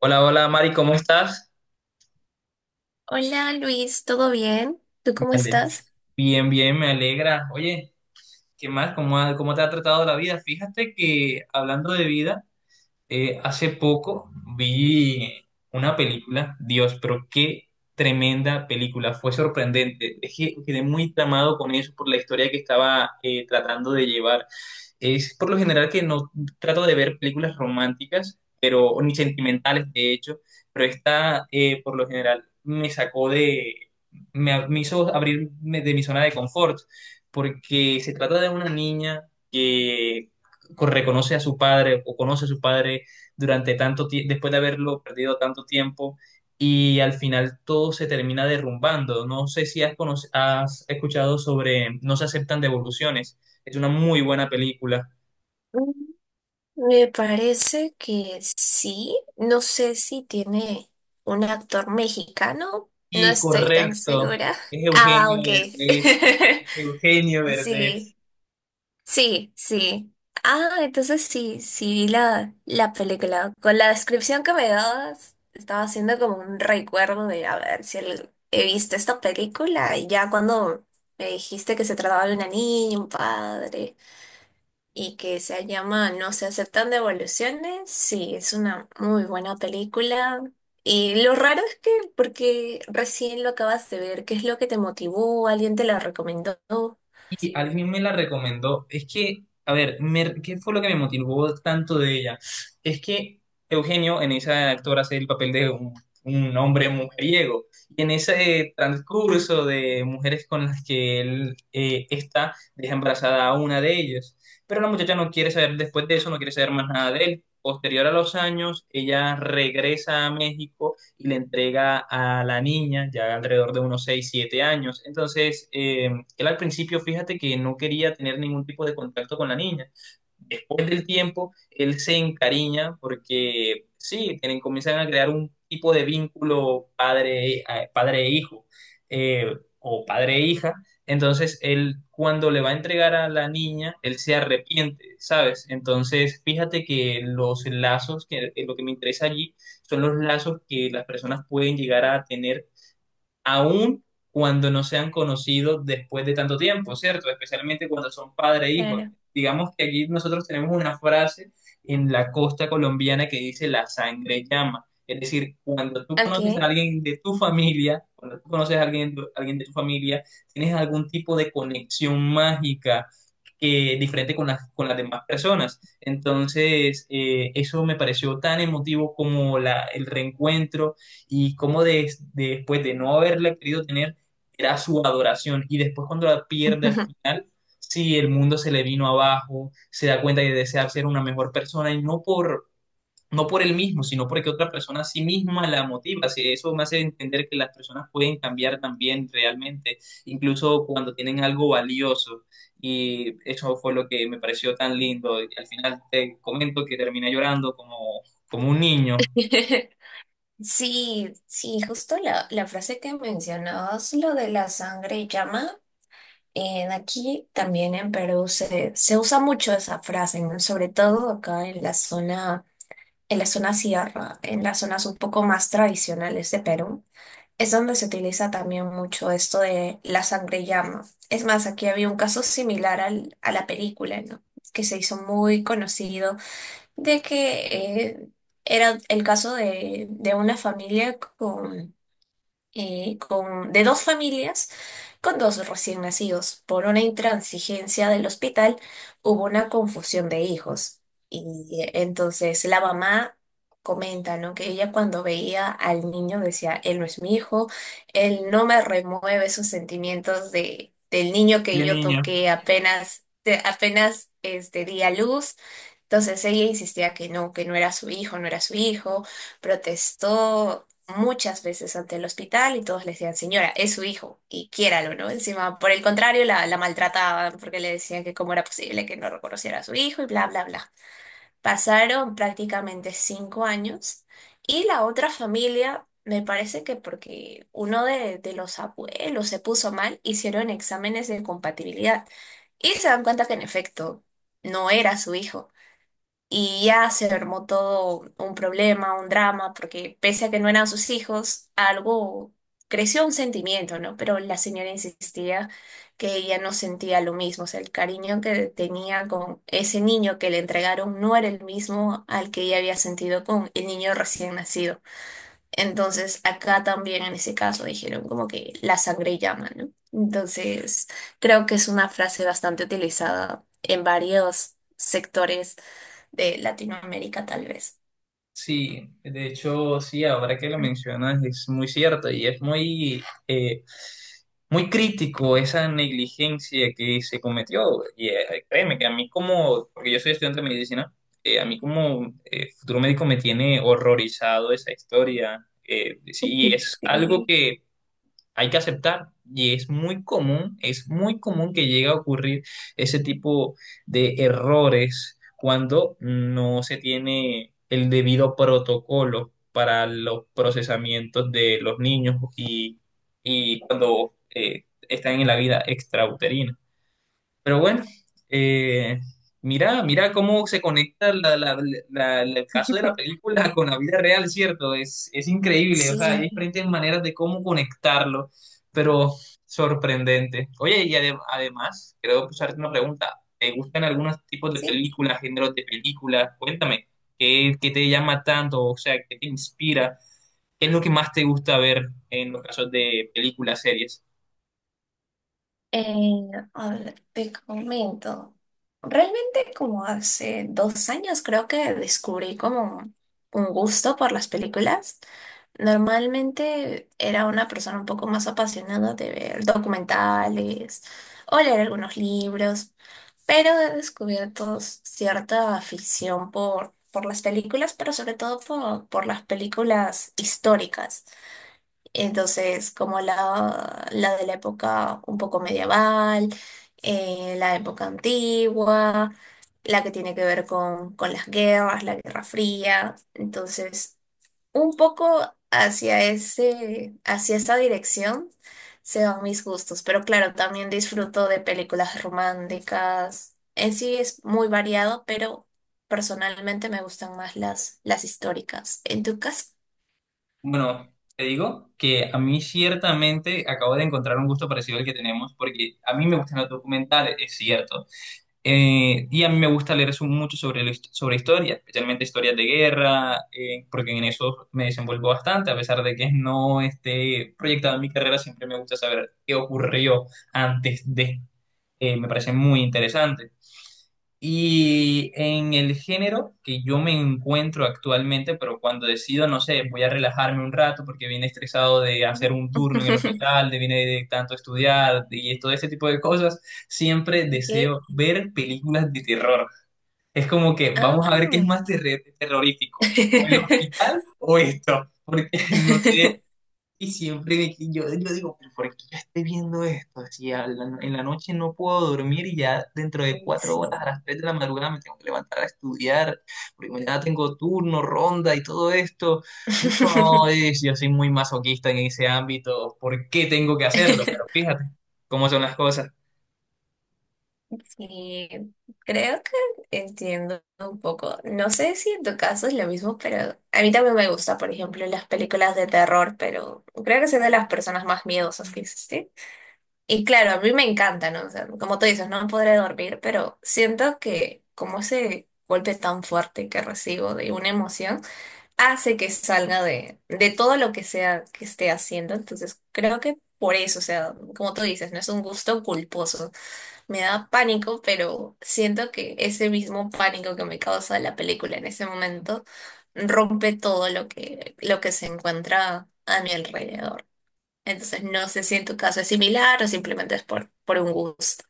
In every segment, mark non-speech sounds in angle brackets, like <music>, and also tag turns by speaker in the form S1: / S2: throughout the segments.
S1: Hola, hola Mari, ¿cómo estás?
S2: Hola Luis, ¿todo bien? ¿Tú
S1: Me
S2: cómo
S1: ale-
S2: estás?
S1: Bien, bien, me alegra. Oye, ¿qué más? ¿Cómo, cómo te ha tratado la vida? Fíjate que hablando de vida, hace poco vi una película, Dios, pero qué tremenda película, fue sorprendente. Es que quedé muy tramado con eso por la historia que estaba tratando de llevar. Es por lo general que no trato de ver películas románticas, pero ni sentimentales, de hecho, pero esta por lo general me sacó de, me hizo abrirme de mi zona de confort, porque se trata de una niña que reconoce a su padre o conoce a su padre durante tanto tiempo, después de haberlo perdido tanto tiempo, y al final todo se termina derrumbando. No sé si has escuchado sobre No se aceptan devoluciones. Es una muy buena película.
S2: Mm. Me parece que sí. No sé si tiene un actor mexicano. No
S1: Y
S2: estoy tan
S1: correcto,
S2: segura.
S1: es
S2: Ah,
S1: Eugenio
S2: ok.
S1: Derbez.
S2: <laughs>
S1: Eugenio Derbez.
S2: Sí, sí, sí. Ah, entonces sí, sí vi la película. Con la descripción que me dabas, estaba haciendo como un recuerdo de a ver si he visto esta película y ya cuando me dijiste que se trataba de una niña, un padre, y que se llama No se aceptan devoluciones. Sí, es una muy buena película. Y lo raro es que, porque recién lo acabas de ver, ¿qué es lo que te motivó? ¿Alguien te la recomendó?
S1: Y alguien me la recomendó. Es que, a ver, ¿qué fue lo que me motivó tanto de ella? Es que Eugenio en esa actora hace el papel de un hombre mujeriego. Y en ese transcurso de mujeres con las que él está, deja embarazada a una de ellas. Pero la muchacha no quiere saber, después de eso, no quiere saber más nada de él. Posterior a los años, ella regresa a México y le entrega a la niña, ya alrededor de unos 6 7 años. Entonces, él al principio, fíjate que no quería tener ningún tipo de contacto con la niña después del tiempo, él se encariña porque sí, tienen, comienzan a crear un tipo de vínculo padre, padre e hijo eh, o padre e hija. Entonces, él cuando le va a entregar a la niña, él se arrepiente, ¿sabes? Entonces, fíjate que los lazos, que lo que me interesa allí, son los lazos que las personas pueden llegar a tener aún cuando no se han conocido después de tanto tiempo, ¿cierto? Especialmente cuando son padre e hijo.
S2: Claro.
S1: Digamos que aquí nosotros tenemos una frase en la costa colombiana que dice la sangre llama. Es decir, cuando tú conoces a
S2: Ok.
S1: alguien de tu familia, cuando tú conoces a alguien, alguien de tu familia, tienes algún tipo de conexión mágica que diferente con con las demás personas. Entonces, eso me pareció tan emotivo como el reencuentro y cómo después de no haberla querido tener, era su adoración. Y después cuando la pierde al
S2: <laughs>
S1: final, sí, el mundo se le vino abajo, se da cuenta de desear ser una mejor persona y no por, no por él mismo, sino porque otra persona a sí misma la motiva. Sí, eso me hace entender que las personas pueden cambiar también realmente, incluso cuando tienen algo valioso. Y eso fue lo que me pareció tan lindo. Y al final te comento que terminé llorando como, como un niño,
S2: Sí, sí, justo la frase que mencionabas, lo de la sangre llama, en aquí también en Perú se usa mucho esa frase, ¿no? Sobre todo acá en la zona. En la zona sierra, en las zonas un poco más tradicionales de Perú, es donde se utiliza también mucho esto de la sangre llama. Es más, aquí había un caso similar a la película, ¿no? Que se hizo muy conocido, de que era el caso de una familia con, de dos familias con dos recién nacidos. Por una intransigencia del hospital hubo una confusión de hijos. Y entonces la mamá comenta, ¿no? Que ella cuando veía al niño decía, él no es mi hijo, él no me remueve esos sentimientos de, del niño que
S1: de
S2: yo
S1: niña.
S2: toqué apenas, apenas di a luz. Entonces ella insistía que no era su hijo, no era su hijo, protestó muchas veces ante el hospital y todos le decían, señora, es su hijo y quiéralo, ¿no? Encima, por el contrario, la maltrataban porque le decían que cómo era posible que no reconociera a su hijo y bla, bla, bla. Pasaron prácticamente 5 años y la otra familia, me parece que porque uno de los abuelos se puso mal, hicieron exámenes de compatibilidad y se dan cuenta que en efecto no era su hijo. Y ya se armó todo un problema, un drama, porque pese a que no eran sus hijos, algo creció un sentimiento, ¿no? Pero la señora insistía que ella no sentía lo mismo, o sea, el cariño que tenía con ese niño que le entregaron no era el mismo al que ella había sentido con el niño recién nacido. Entonces, acá también en ese caso dijeron como que la sangre llama, ¿no? Entonces, creo que es una frase bastante utilizada en varios sectores de Latinoamérica, tal vez.
S1: Sí, de hecho, sí, ahora que lo mencionas es muy cierto y es muy, muy crítico esa negligencia que se cometió. Y créeme que a mí como, porque yo soy estudiante de medicina, a mí como futuro médico me tiene horrorizado esa historia. Sí, es algo
S2: Sí,
S1: que hay que aceptar. Y es muy común que llegue a ocurrir ese tipo de errores cuando no se tiene el debido protocolo para los procesamientos de los niños y cuando están en la vida extrauterina. Pero bueno, eh, mira, mira cómo se conecta el caso de la
S2: <laughs>
S1: película con la vida real, ¿cierto? Es increíble, o sea, hay
S2: sí,
S1: diferentes maneras de cómo conectarlo, pero sorprendente. Oye, y además, quiero hacerte una pregunta. ¿Te gustan algunos tipos de
S2: sí.
S1: películas, géneros de películas? Cuéntame, ¿qué, qué te llama tanto? O sea, ¿qué te inspira? ¿Qué es lo que más te gusta ver en los casos de películas, series?
S2: A ver, te comento. Realmente como hace 2 años creo que descubrí como un gusto por las películas. Normalmente era una persona un poco más apasionada de ver documentales o leer algunos libros, pero he descubierto cierta afición por las películas, pero sobre todo por las películas históricas. Entonces, como la de la época un poco medieval, la época antigua, la que tiene que ver con las guerras, la Guerra Fría. Entonces. Un poco hacia ese, hacia esa dirección se van mis gustos, pero claro, también disfruto de películas románticas. En sí es muy variado, pero personalmente me gustan más las históricas. ¿En tu caso?
S1: Bueno, te digo que a mí ciertamente acabo de encontrar un gusto parecido al que tenemos, porque a mí me gustan los documentales, es cierto. Y a mí me gusta leer mucho sobre, sobre historia, especialmente historias de guerra, porque en eso me desenvuelvo bastante, a pesar de que no esté proyectada en mi carrera, siempre me gusta saber qué ocurrió antes de. Me parece muy interesante. Y en el género que yo me encuentro actualmente, pero cuando decido, no sé, voy a relajarme un rato porque vine estresado de
S2: No.
S1: hacer un turno en el
S2: <laughs>
S1: hospital, de vine de tanto estudiar y todo ese tipo de cosas, siempre
S2: Ok.
S1: deseo ver películas de terror. Es como que vamos a ver qué es
S2: Ah.
S1: más terrorífico, o el
S2: <laughs>
S1: hospital o esto, porque <laughs> no sé, y siempre de que yo digo, "¿Pero ¿por qué yo estoy viendo esto? Si en la noche no puedo dormir y ya dentro de 4 horas a
S2: Sí.
S1: las 3 de la madrugada me tengo que levantar a estudiar, porque mañana tengo turno, ronda y todo esto. No, es, yo soy muy masoquista en ese ámbito. ¿Por qué tengo que hacerlo? Pero
S2: <laughs>
S1: fíjate cómo son las cosas.
S2: Y creo que entiendo un poco. No sé si en tu caso es lo mismo, pero a mí también me gusta, por ejemplo, las películas de terror, pero creo que soy de las personas más miedosas que existen. Y claro, a mí me encanta, ¿no? O sea, como tú dices, no podré dormir, pero siento que como ese golpe tan fuerte que recibo de una emoción, hace que salga de todo lo que sea que esté haciendo. Entonces, creo que por eso, o sea, como tú dices, no es un gusto culposo. Me da pánico, pero siento que ese mismo pánico que me causa la película en ese momento rompe todo lo que se encuentra a mi alrededor. Entonces, no sé si en tu caso es similar o simplemente es por un gusto.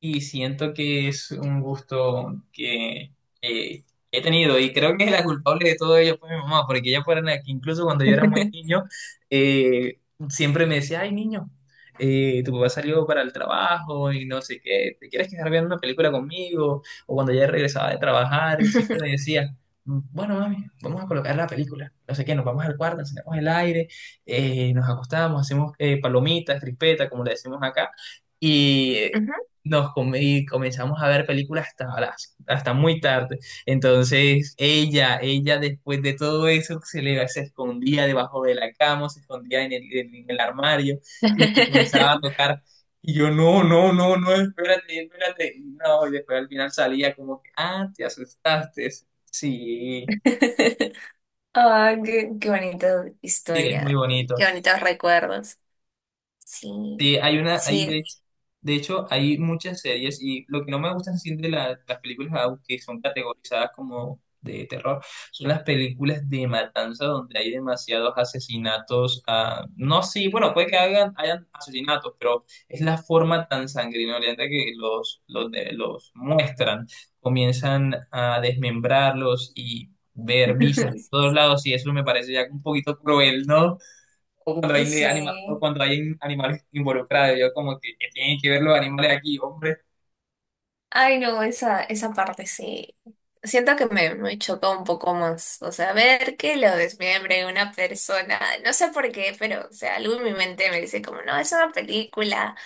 S1: Y siento que es un gusto que eh, he tenido y creo que la culpable de todo ello fue mi mamá, porque ella fue la que incluso cuando yo era muy niño, eh, siempre me decía, ay niño, tu papá salió para el trabajo y no sé qué, ¿te quieres quedar viendo una película conmigo? O cuando ya regresaba de trabajar, y siempre me
S2: <laughs>
S1: decía, bueno mami, vamos a colocar la película, no sé qué, nos vamos al cuarto, encendemos el aire, nos acostamos, hacemos palomitas, crispetas, como le decimos acá. Y
S2: Ujú.
S1: y comenzamos a ver películas hasta muy tarde. Entonces, ella después de todo eso se escondía debajo de la cama, se escondía en en el armario y me comenzaba a
S2: <laughs>
S1: tocar. Y yo, no, no, no, no, espérate, espérate. Y no, y después al final salía como que, ah, te asustaste. Sí,
S2: Ah, qué bonita
S1: sí, es muy
S2: historia y
S1: bonito.
S2: qué bonitos recuerdos. Sí,
S1: Sí, hay una, hay
S2: sí,
S1: de hecho, hay muchas series y lo que no me gusta así de las películas, aunque son categorizadas como de terror, son las películas de matanza donde hay demasiados asesinatos. Ah, no, sí, bueno, puede que hagan, hayan asesinatos, pero es la forma tan sanguinolenta que los muestran. Comienzan a desmembrarlos y ver visas por
S2: <laughs>
S1: todos lados y eso me parece ya un poquito cruel, ¿no? O cuando o
S2: sí.
S1: cuando hay animales involucrados. Yo como que, ¿qué tienen que ver los animales aquí, hombre?
S2: Ay, no, esa parte sí. Siento que me chocó un poco más. O sea, ver que lo desmembre una persona, no sé por qué, pero, o sea, algo en mi mente me dice como, no, es una película.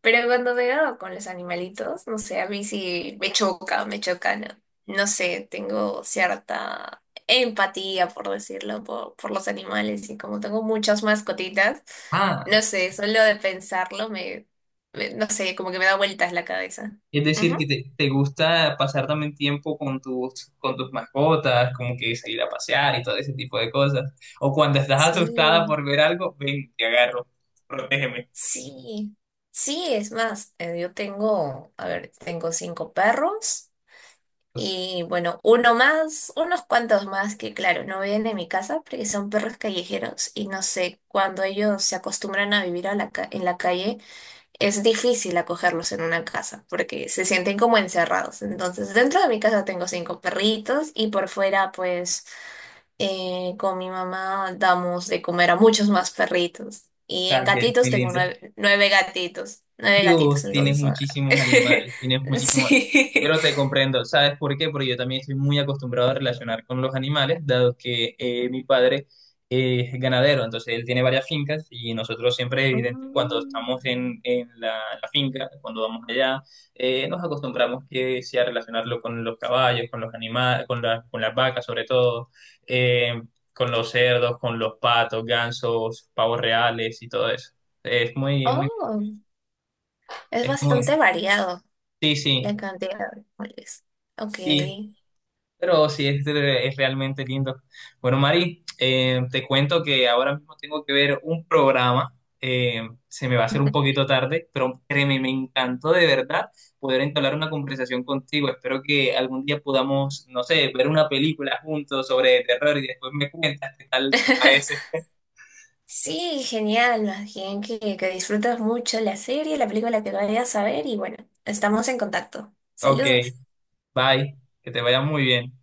S2: Pero cuando veo con los animalitos, no sé, a mí sí me choca, ¿no? No sé, tengo cierta empatía, por decirlo, por los animales y como tengo muchas mascotitas,
S1: Ah,
S2: no sé, solo de pensarlo no sé, como que me da vueltas la cabeza.
S1: es decir, que
S2: Ujú.
S1: te gusta pasar también tiempo con con tus mascotas, como que salir a pasear y todo ese tipo de cosas. O cuando estás asustada
S2: Sí,
S1: por ver algo, ven, te agarro, protégeme.
S2: sí, sí, es más, yo tengo, a ver, tengo cinco perros.
S1: O
S2: Y bueno, uno más, unos cuantos más que claro, no ven en mi casa porque son perros callejeros y no sé, cuando ellos se acostumbran a vivir a la en la calle, es difícil acogerlos en una casa porque se sienten como encerrados. Entonces, dentro de mi casa tengo cinco perritos y por fuera, pues, con mi mamá damos de comer a muchos más perritos. Y en
S1: sea, que es
S2: gatitos
S1: muy
S2: tengo
S1: lindo.
S2: nueve, nueve
S1: Dios,
S2: gatitos,
S1: tienes
S2: entonces,
S1: muchísimos
S2: <laughs>
S1: animales, tienes muchísimos...
S2: sí.
S1: Pero te comprendo, ¿sabes por qué? Porque yo también estoy muy acostumbrado a relacionar con los animales, dado que mi padre es ganadero, entonces él tiene varias fincas y nosotros siempre, evidente, cuando
S2: Mm.
S1: estamos en la finca, cuando vamos allá, nos acostumbramos que sea relacionarlo con los caballos, con los animales, con las vacas sobre todo, eh, con los cerdos, con los patos, gansos, pavos reales y todo eso. Es muy, muy,
S2: Oh, es
S1: es muy...
S2: bastante variado
S1: Sí, sí,
S2: la cantidad de árboles. Ok.
S1: sí, pero sí, es realmente lindo. Bueno, Mari, te cuento que ahora mismo tengo que ver un programa, se me va a hacer un poquito tarde, pero créeme, me encantó de verdad poder entablar una conversación contigo. Espero que algún día podamos, no sé, ver una película juntos sobre terror y después me cuentas qué tal te parece.
S2: <laughs> Sí, genial. Más bien que disfrutas mucho la serie, la película que vayas a ver y bueno, estamos en contacto.
S1: Ok,
S2: Saludos.
S1: bye, que te vaya muy bien.